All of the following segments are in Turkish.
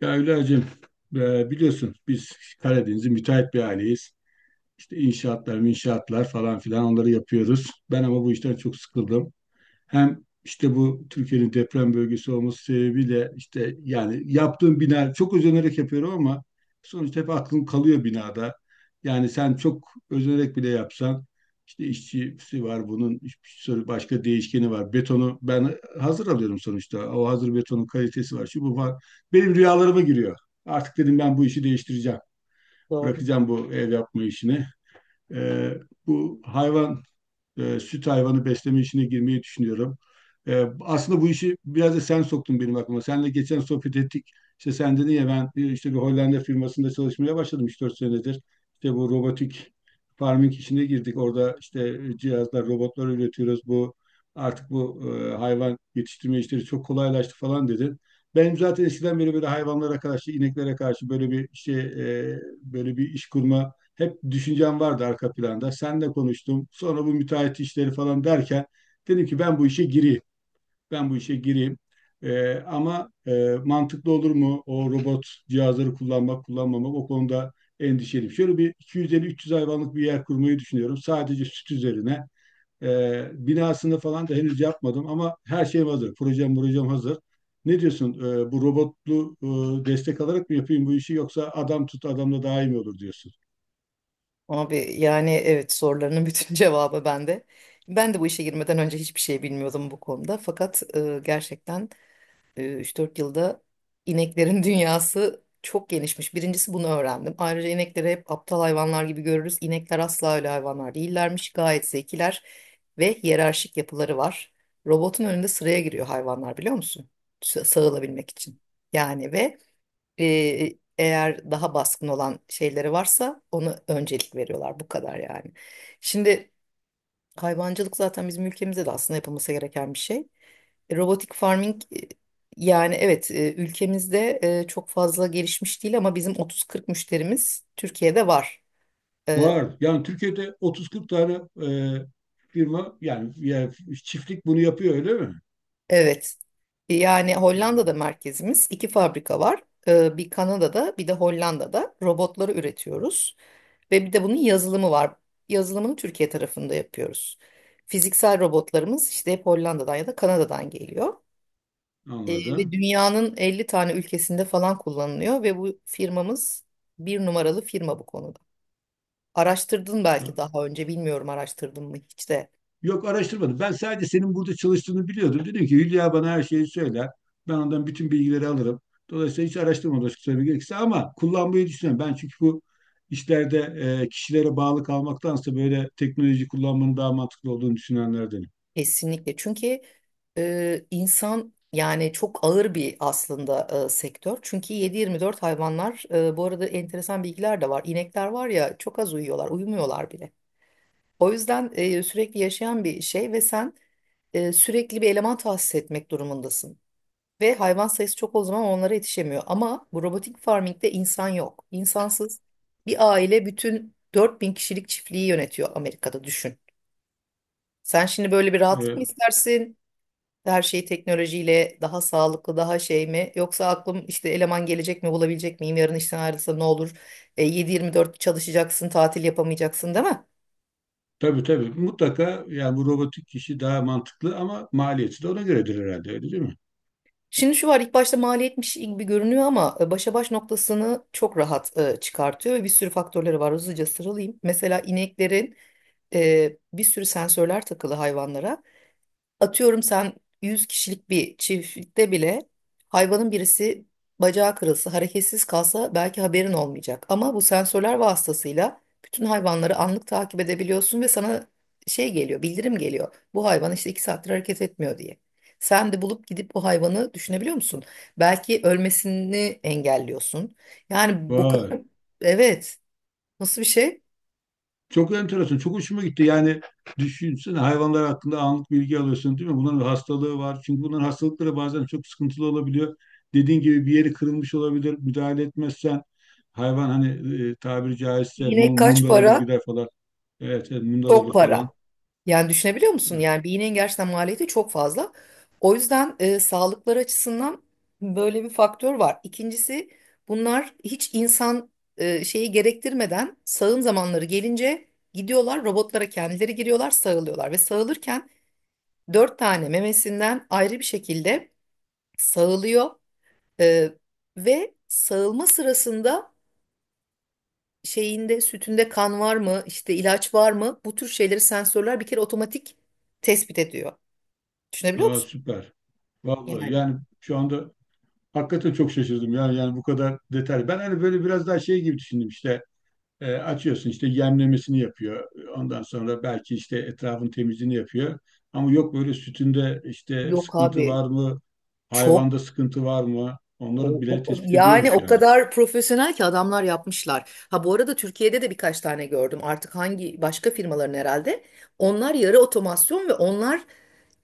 Ya Hülya'cığım, biliyorsun biz Karadeniz'in müteahhit bir aileyiz. İşte inşaatlar, inşaatlar falan filan onları yapıyoruz. Ben ama bu işten çok sıkıldım. Hem işte bu Türkiye'nin deprem bölgesi olması sebebiyle işte yani yaptığım bina çok özenerek yapıyorum ama sonuçta hep aklım kalıyor binada. Yani sen çok özenerek bile yapsan işte işçisi var, bunun bir sürü başka değişkeni var. Betonu ben hazır alıyorum sonuçta. O hazır betonun kalitesi var. Şu bu var. Benim rüyalarıma giriyor. Artık dedim ben bu işi değiştireceğim. Doğru. Bırakacağım bu ev yapma işini. Ee, bu hayvan, süt hayvanı besleme işine girmeyi düşünüyorum. Aslında bu işi biraz da sen soktun benim aklıma. Seninle geçen sohbet ettik. İşte sen dedin ya, ben işte bir Hollanda firmasında çalışmaya başladım 3-4 senedir. İşte bu robotik farming işine girdik. Orada işte cihazlar, robotlar üretiyoruz. Bu hayvan yetiştirme işleri çok kolaylaştı falan dedin. Benim zaten eskiden beri böyle hayvanlara karşı, ineklere karşı böyle bir şey, böyle bir iş kurma hep düşüncem vardı arka planda. Seninle konuştum. Sonra bu müteahhit işleri falan derken dedim ki ben bu işe gireyim. Ben bu işe gireyim. Ama mantıklı olur mu? O robot cihazları kullanmak, kullanmamak, o konuda endişeliyim. Şöyle bir 250-300 hayvanlık bir yer kurmayı düşünüyorum. Sadece süt üzerine. Binasını falan da henüz yapmadım ama her şeyim hazır. Projem, projem hazır. Ne diyorsun? Bu robotlu destek alarak mı yapayım bu işi, yoksa adam tut, adamla daha iyi mi olur diyorsun? Abi yani evet sorularının bütün cevabı bende. Ben de bu işe girmeden önce hiçbir şey bilmiyordum bu konuda. Fakat gerçekten 3-4 yılda ineklerin dünyası çok genişmiş. Birincisi bunu öğrendim. Ayrıca inekleri hep aptal hayvanlar gibi görürüz. İnekler asla öyle hayvanlar değillermiş. Gayet zekiler ve hiyerarşik yapıları var. Robotun önünde sıraya giriyor hayvanlar biliyor musun? Sağılabilmek için. Yani ve eğer daha baskın olan şeyleri varsa ona öncelik veriyorlar. Bu kadar yani. Şimdi hayvancılık zaten bizim ülkemizde de aslında yapılması gereken bir şey. Robotik farming, yani evet, ülkemizde çok fazla gelişmiş değil ama bizim 30-40 müşterimiz Türkiye'de var. E, Var. Yani Türkiye'de 30-40 tane e, firma yani, yani çiftlik bunu yapıyor öyle mi? Evet. Yani Hollanda'da Hı, merkezimiz iki fabrika var. Bir Kanada'da bir de Hollanda'da robotları üretiyoruz. Ve bir de bunun yazılımı var. Yazılımını Türkiye tarafında yapıyoruz. Fiziksel robotlarımız işte hep Hollanda'dan ya da Kanada'dan geliyor. Ve anladım. dünyanın 50 tane ülkesinde falan kullanılıyor ve bu firmamız bir numaralı firma bu konuda. Araştırdın belki, daha önce bilmiyorum, araştırdın mı hiç de? Yok, araştırmadım. Ben sadece senin burada çalıştığını biliyordum. Dedim ki Hülya bana her şeyi söyler. Ben ondan bütün bilgileri alırım. Dolayısıyla hiç araştırmadım açık söylemek gerekirse, ama kullanmayı düşünüyorum. Ben çünkü bu işlerde kişilere bağlı kalmaktansa böyle teknoloji kullanmanın daha mantıklı olduğunu düşünenlerdenim. Kesinlikle, çünkü insan yani çok ağır bir aslında sektör. Çünkü 7-24 hayvanlar, bu arada enteresan bilgiler de var. İnekler var ya, çok az uyuyorlar, uyumuyorlar bile. O yüzden sürekli yaşayan bir şey ve sen sürekli bir eleman tahsis etmek durumundasın. Ve hayvan sayısı çok, o zaman onlara yetişemiyor. Ama bu robotik farming'de insan yok. İnsansız bir aile bütün 4.000 kişilik çiftliği yönetiyor Amerika'da, düşün. Sen şimdi böyle bir rahatlık mı E, istersin? Her şey teknolojiyle daha sağlıklı, daha şey mi? Yoksa aklım işte eleman gelecek mi, bulabilecek miyim? Yarın işten ayrılsa ne olur? 7-24 çalışacaksın, tatil yapamayacaksın değil mi? Tabii tabii, mutlaka yani bu robotik kişi daha mantıklı ama maliyeti de ona göredir herhalde, öyle değil mi? Şimdi şu var, ilk başta maliyetmiş gibi görünüyor ama başa baş noktasını çok rahat çıkartıyor ve bir sürü faktörleri var. Hızlıca sıralayayım. Mesela ineklerin bir sürü sensörler takılı hayvanlara. Atıyorum, sen 100 kişilik bir çiftlikte bile hayvanın birisi bacağı kırılsa, hareketsiz kalsa belki haberin olmayacak. Ama bu sensörler vasıtasıyla bütün hayvanları anlık takip edebiliyorsun ve sana şey geliyor, bildirim geliyor. Bu hayvan işte 2 saattir hareket etmiyor diye. Sen de bulup gidip bu hayvanı düşünebiliyor musun? Belki ölmesini engelliyorsun. Yani bu kadar, Vay. evet, nasıl bir şey? Çok enteresan, çok hoşuma gitti. Yani düşünsene, hayvanlar hakkında anlık bilgi alıyorsun değil mi? Bunların hastalığı var. Çünkü bunların hastalıkları bazen çok sıkıntılı olabiliyor. Dediğin gibi bir yeri kırılmış olabilir. Müdahale etmezsen hayvan hani tabiri caizse Bir İnek kaç mundar olur para? gider falan. Evet, evet, mundar Çok olur falan. para. Yani düşünebiliyor musun? Yani bir iğnenin gerçekten maliyeti çok fazla. O yüzden sağlıkları açısından böyle bir faktör var. İkincisi, bunlar hiç insan şeyi gerektirmeden sağım zamanları gelince gidiyorlar robotlara, kendileri giriyorlar, sağılıyorlar. Ve sağılırken dört tane memesinden ayrı bir şekilde sağılıyor. E, ve sağılma sırasında şeyinde, sütünde kan var mı, işte ilaç var mı, bu tür şeyleri sensörler bir kere otomatik tespit ediyor. Düşünebiliyor Aa, musun? süper. Vallahi Yani yani şu anda hakikaten çok şaşırdım ya, yani bu kadar detay. Ben hani böyle biraz daha şey gibi düşündüm, işte açıyorsun işte yemlemesini yapıyor. Ondan sonra belki işte etrafın temizliğini yapıyor. Ama yok, böyle sütünde işte yok sıkıntı abi, var mı? çok Hayvanda sıkıntı var mı? Onları bile tespit yani ediyormuş o yani. kadar profesyonel ki adamlar yapmışlar. Ha, bu arada Türkiye'de de birkaç tane gördüm. Artık hangi başka firmaların, herhalde. Onlar yarı otomasyon ve onlar,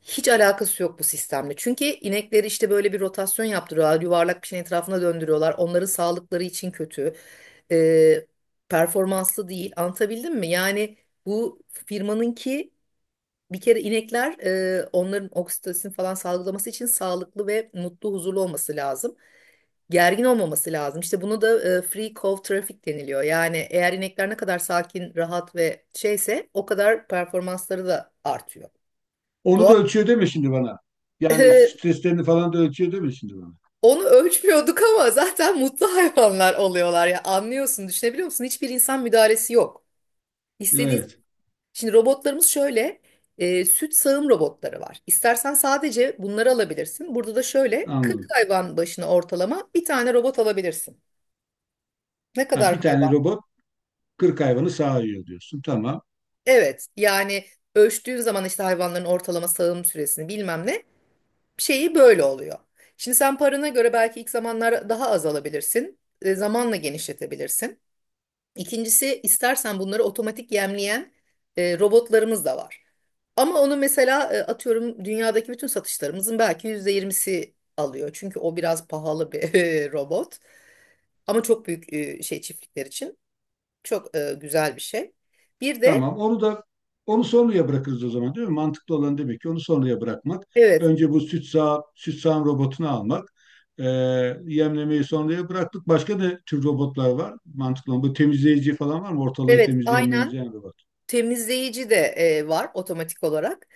hiç alakası yok bu sistemle. Çünkü inekleri işte böyle bir rotasyon yaptırıyorlar. Yuvarlak bir şeyin etrafına döndürüyorlar. Onların sağlıkları için kötü. Ee, performanslı değil. Anlatabildim mi? Yani bu firmanınki, bir kere inekler, onların oksitosin falan salgılaması için sağlıklı ve mutlu, huzurlu olması lazım. Gergin olmaması lazım. İşte bunu da free cow traffic deniliyor. Yani eğer inekler ne kadar sakin, rahat ve şeyse o kadar performansları da artıyor. Onu da Doğal. ölçüyor deme şimdi bana. Yani e, streslerini falan da ölçüyor deme şimdi bana. onu ölçmüyorduk ama zaten mutlu hayvanlar oluyorlar ya. Anlıyorsun, düşünebiliyor musun? Hiçbir insan müdahalesi yok. İstediği. Evet, Şimdi robotlarımız şöyle, süt sağım robotları var. İstersen sadece bunları alabilirsin. Burada da şöyle 40 anladım. hayvan başına ortalama bir tane robot alabilirsin. Ne Ha, kadar bir tane hayvan? robot 40 hayvanı sağıyor diyorsun. Tamam. Evet, yani ölçtüğün zaman işte hayvanların ortalama sağım süresini bilmem ne, şeyi böyle oluyor. Şimdi sen parana göre belki ilk zamanlar daha az alabilirsin. Zamanla genişletebilirsin. İkincisi, istersen bunları otomatik yemleyen robotlarımız da var. Ama onu mesela, atıyorum, dünyadaki bütün satışlarımızın belki %20'si alıyor. Çünkü o biraz pahalı bir robot. Ama çok büyük şey çiftlikler için çok güzel bir şey. Bir de. Tamam. Onu sonraya bırakırız o zaman değil mi? Mantıklı olan demek ki onu sonraya bırakmak. Evet, Önce bu süt sağım robotunu almak. Ee, yemlemeyi sonraya bıraktık. Başka ne tür robotlar var? Mantıklı olan. Bu temizleyici falan var mı? Ortalığı evet, temizleyen, aynen, memizleyen robot. temizleyici de var otomatik olarak.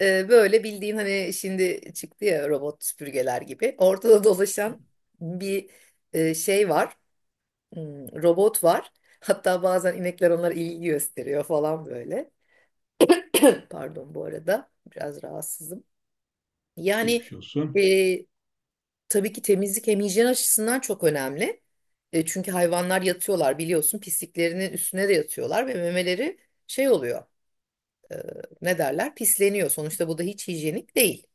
Böyle bildiğin, hani şimdi çıktı ya robot süpürgeler gibi. Ortada dolaşan bir şey var. Robot var. Hatta bazen inekler onlara ilgi gösteriyor falan, böyle. Pardon, bu arada biraz rahatsızım. Yani Geçmiş olsun. e, tabii ki temizlik hem hijyen açısından çok önemli. Çünkü hayvanlar yatıyorlar, biliyorsun pisliklerinin üstüne de yatıyorlar ve memeleri şey oluyor. e, ne derler? Pisleniyor. Sonuçta bu da hiç hijyenik değil.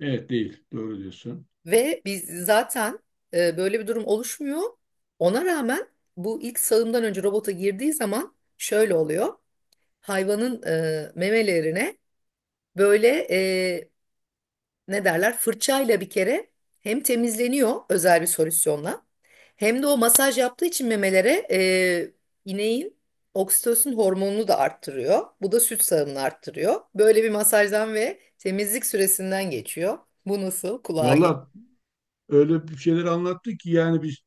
Evet, değil. Doğru diyorsun. Ve biz zaten, böyle bir durum oluşmuyor. Ona rağmen bu ilk sağımdan önce robota girdiği zaman şöyle oluyor. Hayvanın memelerine böyle, e, ne derler, fırçayla bir kere hem temizleniyor özel bir solüsyonla, hem de o masaj yaptığı için memelere ineğin oksitosin hormonunu da arttırıyor. Bu da süt sağımını arttırıyor. Böyle bir masajdan ve temizlik süresinden geçiyor. Bu nasıl kulağa geliyor? Valla, öyle bir şeyler anlattı ki yani biz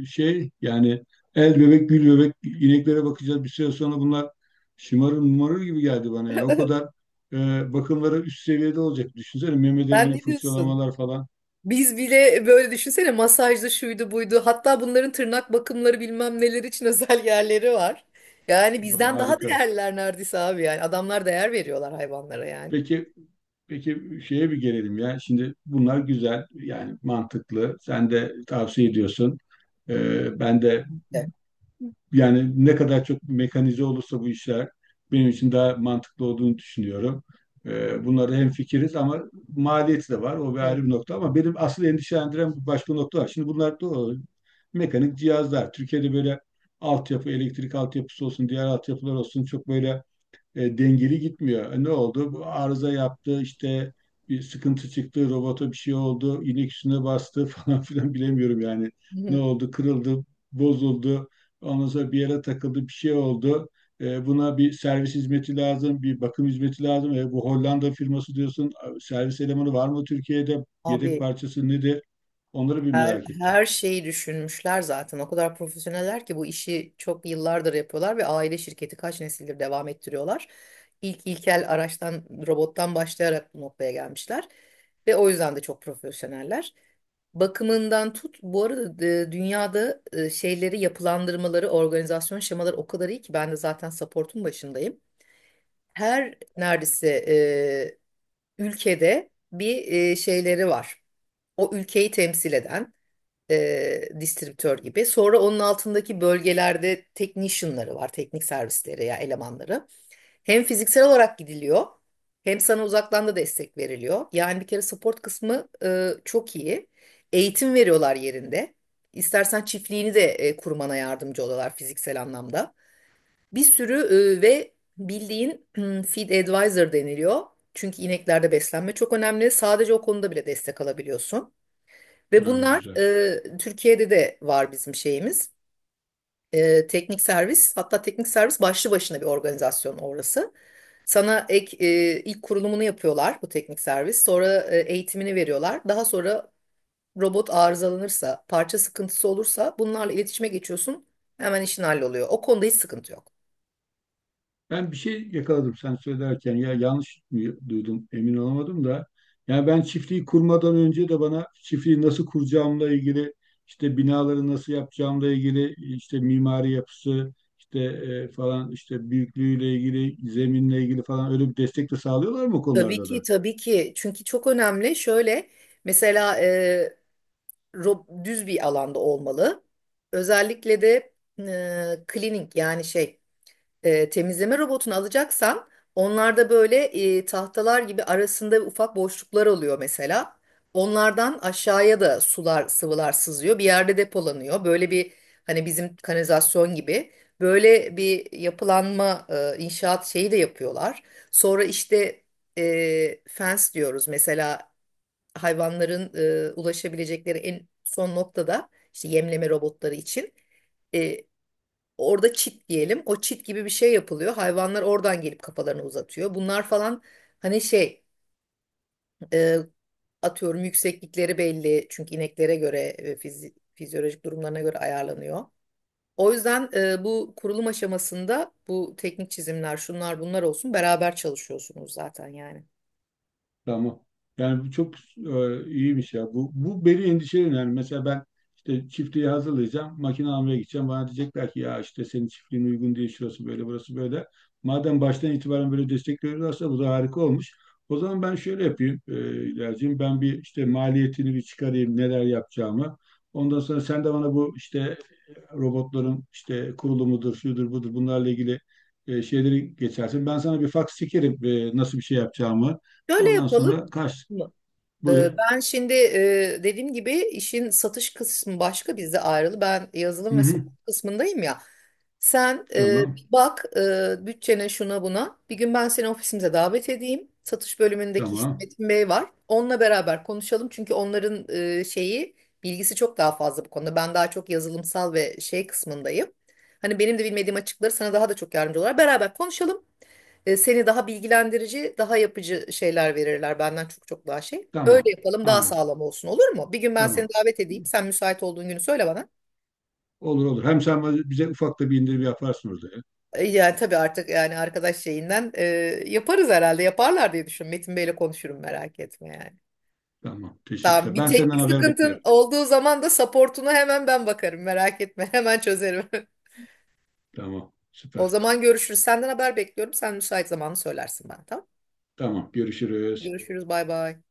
şey yani el bebek gül bebek ineklere bakacağız, bir süre sonra bunlar şımarır mumarır gibi geldi bana ya, o kadar bakımları üst seviyede olacak, düşünsene Sen memelerine ne diyorsun? fırçalamalar falan, Biz bile böyle düşünsene, masajlı, şuydu buydu. Hatta bunların tırnak bakımları, bilmem neler için, özel yerleri var. Yani bizden daha harika. değerliler neredeyse abi yani. Adamlar değer veriyorlar hayvanlara yani. Peki, peki şeye bir gelelim ya, şimdi bunlar güzel yani mantıklı, sen de tavsiye ediyorsun. Ben de De. yani ne kadar çok mekanize olursa bu işler benim için daha mantıklı olduğunu düşünüyorum. Bunlarda hemfikiriz ama maliyeti de var. O bir ayrı Hı. bir nokta, ama benim asıl endişelendiren bir başka nokta var. Şimdi bunlar da o mekanik cihazlar. Türkiye'de böyle altyapı, elektrik altyapısı olsun, diğer altyapılar olsun çok böyle dengeli gitmiyor. E, ne oldu? Bu arıza yaptı, işte bir sıkıntı çıktı, robota bir şey oldu, inek üstüne bastı falan filan, bilemiyorum yani. Ne Hı. oldu? Kırıldı, bozuldu. Ondan sonra bir yere takıldı, bir şey oldu. E, buna bir servis hizmeti lazım, bir bakım hizmeti lazım. E, bu Hollanda firması diyorsun, servis elemanı var mı Türkiye'de? Yedek Abi parçası nedir? Onları bir her, merak ettim. her şeyi düşünmüşler zaten. O kadar profesyoneller ki bu işi çok yıllardır yapıyorlar ve aile şirketi kaç nesildir devam ettiriyorlar. İlk ilkel araçtan, robottan başlayarak bu noktaya gelmişler. Ve o yüzden de çok profesyoneller. Bakımından tut. Bu arada dünyada şeyleri, yapılandırmaları, organizasyon şemaları o kadar iyi ki ben de zaten support'un başındayım. Her neredeyse ülkede bir şeyleri var. O ülkeyi temsil eden distribütör gibi. Sonra onun altındaki bölgelerde technician'ları var, teknik servisleri ya elemanları. Hem fiziksel olarak gidiliyor, hem sana uzaktan da destek veriliyor. Yani bir kere support kısmı çok iyi. Eğitim veriyorlar yerinde. İstersen çiftliğini de kurmana yardımcı oluyorlar fiziksel anlamda. Bir sürü ve bildiğin, feed advisor deniliyor. Çünkü ineklerde beslenme çok önemli. Sadece o konuda bile destek alabiliyorsun. Ve Ha, bunlar güzel. Türkiye'de de var, bizim şeyimiz. Teknik servis, hatta teknik servis başlı başına bir organizasyon orası. Sana ek, ilk kurulumunu yapıyorlar bu teknik servis. Sonra eğitimini veriyorlar. Daha sonra robot arızalanırsa, parça sıkıntısı olursa bunlarla iletişime geçiyorsun. Hemen işin halloluyor. O konuda hiç sıkıntı yok. Ben bir şey yakaladım sen söylerken, ya yanlış mı duydum, emin olamadım da. Yani ben çiftliği kurmadan önce de bana çiftliği nasıl kuracağımla ilgili, işte binaları nasıl yapacağımla ilgili, işte mimari yapısı işte falan, işte büyüklüğüyle ilgili, zeminle ilgili falan, öyle bir destek de sağlıyorlar mı o Tabii konularda ki, da? tabii ki. Çünkü çok önemli. Şöyle, mesela düz bir alanda olmalı. Özellikle de cleaning, yani şey, temizleme robotunu alacaksan, onlarda böyle tahtalar gibi arasında ufak boşluklar oluyor mesela. Onlardan aşağıya da sular, sıvılar sızıyor. Bir yerde depolanıyor. Böyle bir, hani bizim kanalizasyon gibi, böyle bir yapılanma, inşaat şeyi de yapıyorlar. Sonra işte, fence diyoruz. Mesela hayvanların ulaşabilecekleri en son noktada işte yemleme robotları için. E, Orada çit diyelim. O çit gibi bir şey yapılıyor. Hayvanlar oradan gelip kafalarını uzatıyor. Bunlar falan, hani şey, e, atıyorum yükseklikleri belli. Çünkü ineklere göre fizyolojik durumlarına göre ayarlanıyor. O yüzden bu kurulum aşamasında bu teknik çizimler, şunlar bunlar olsun, beraber çalışıyorsunuz zaten yani. Tamam. Yani bu çok iyiymiş ya. Bu beni endişeleniyor. Yani mesela ben işte çiftliği hazırlayacağım. Makine almaya gideceğim. Bana diyecekler ki ya işte senin çiftliğin uygun değil. Şurası böyle, burası böyle. Madem baştan itibaren böyle destek veriyorlarsa bu da harika olmuş. O zaman ben şöyle yapayım İlkerciğim. Ben bir işte maliyetini bir çıkarayım. Neler yapacağımı. Ondan sonra sen de bana bu işte robotların işte kurulumudur, şudur budur, bunlarla ilgili şeyleri geçersin. Ben sana bir fax çekerim, nasıl bir şey yapacağımı. Şöyle Ondan yapalım. sonra kaç. Buyur. Ben şimdi dediğim gibi işin satış kısmı başka, bizde ayrılı. Ben Hı yazılım ve hı. satış kısmındayım ya. Sen bir Tamam. bak bütçene, şuna buna. Bir gün ben seni ofisimize davet edeyim. Satış bölümündeki işte Tamam. Metin Bey var. Onunla beraber konuşalım. Çünkü onların şeyi, bilgisi çok daha fazla bu konuda. Ben daha çok yazılımsal ve şey kısmındayım. Hani benim de bilmediğim açıkları, sana daha da çok yardımcı olarak beraber konuşalım. Seni daha bilgilendirici, daha yapıcı şeyler verirler benden çok çok daha şey. Öyle Tamam. yapalım, daha Anladım. sağlam olsun, olur mu? Bir gün ben seni Tamam. davet edeyim. Sen müsait olduğun günü söyle bana. Olur olur. Hem sen bize ufak da bir indirim yaparsın orada ya. Yani tabii, artık yani arkadaş şeyinden yaparız herhalde. Yaparlar diye düşün. Metin Bey'le konuşurum, merak etme yani. Tamam. Tamam, Teşekkürler. bir Ben senden teknik haber sıkıntın bekliyorum. olduğu zaman da supportuna hemen ben bakarım, merak etme. Hemen çözerim. Tamam. O Süper. zaman görüşürüz. Senden haber bekliyorum. Sen müsait zamanı söylersin bana, tamam. Tamam. Görüşürüz. Görüşürüz, bay bay.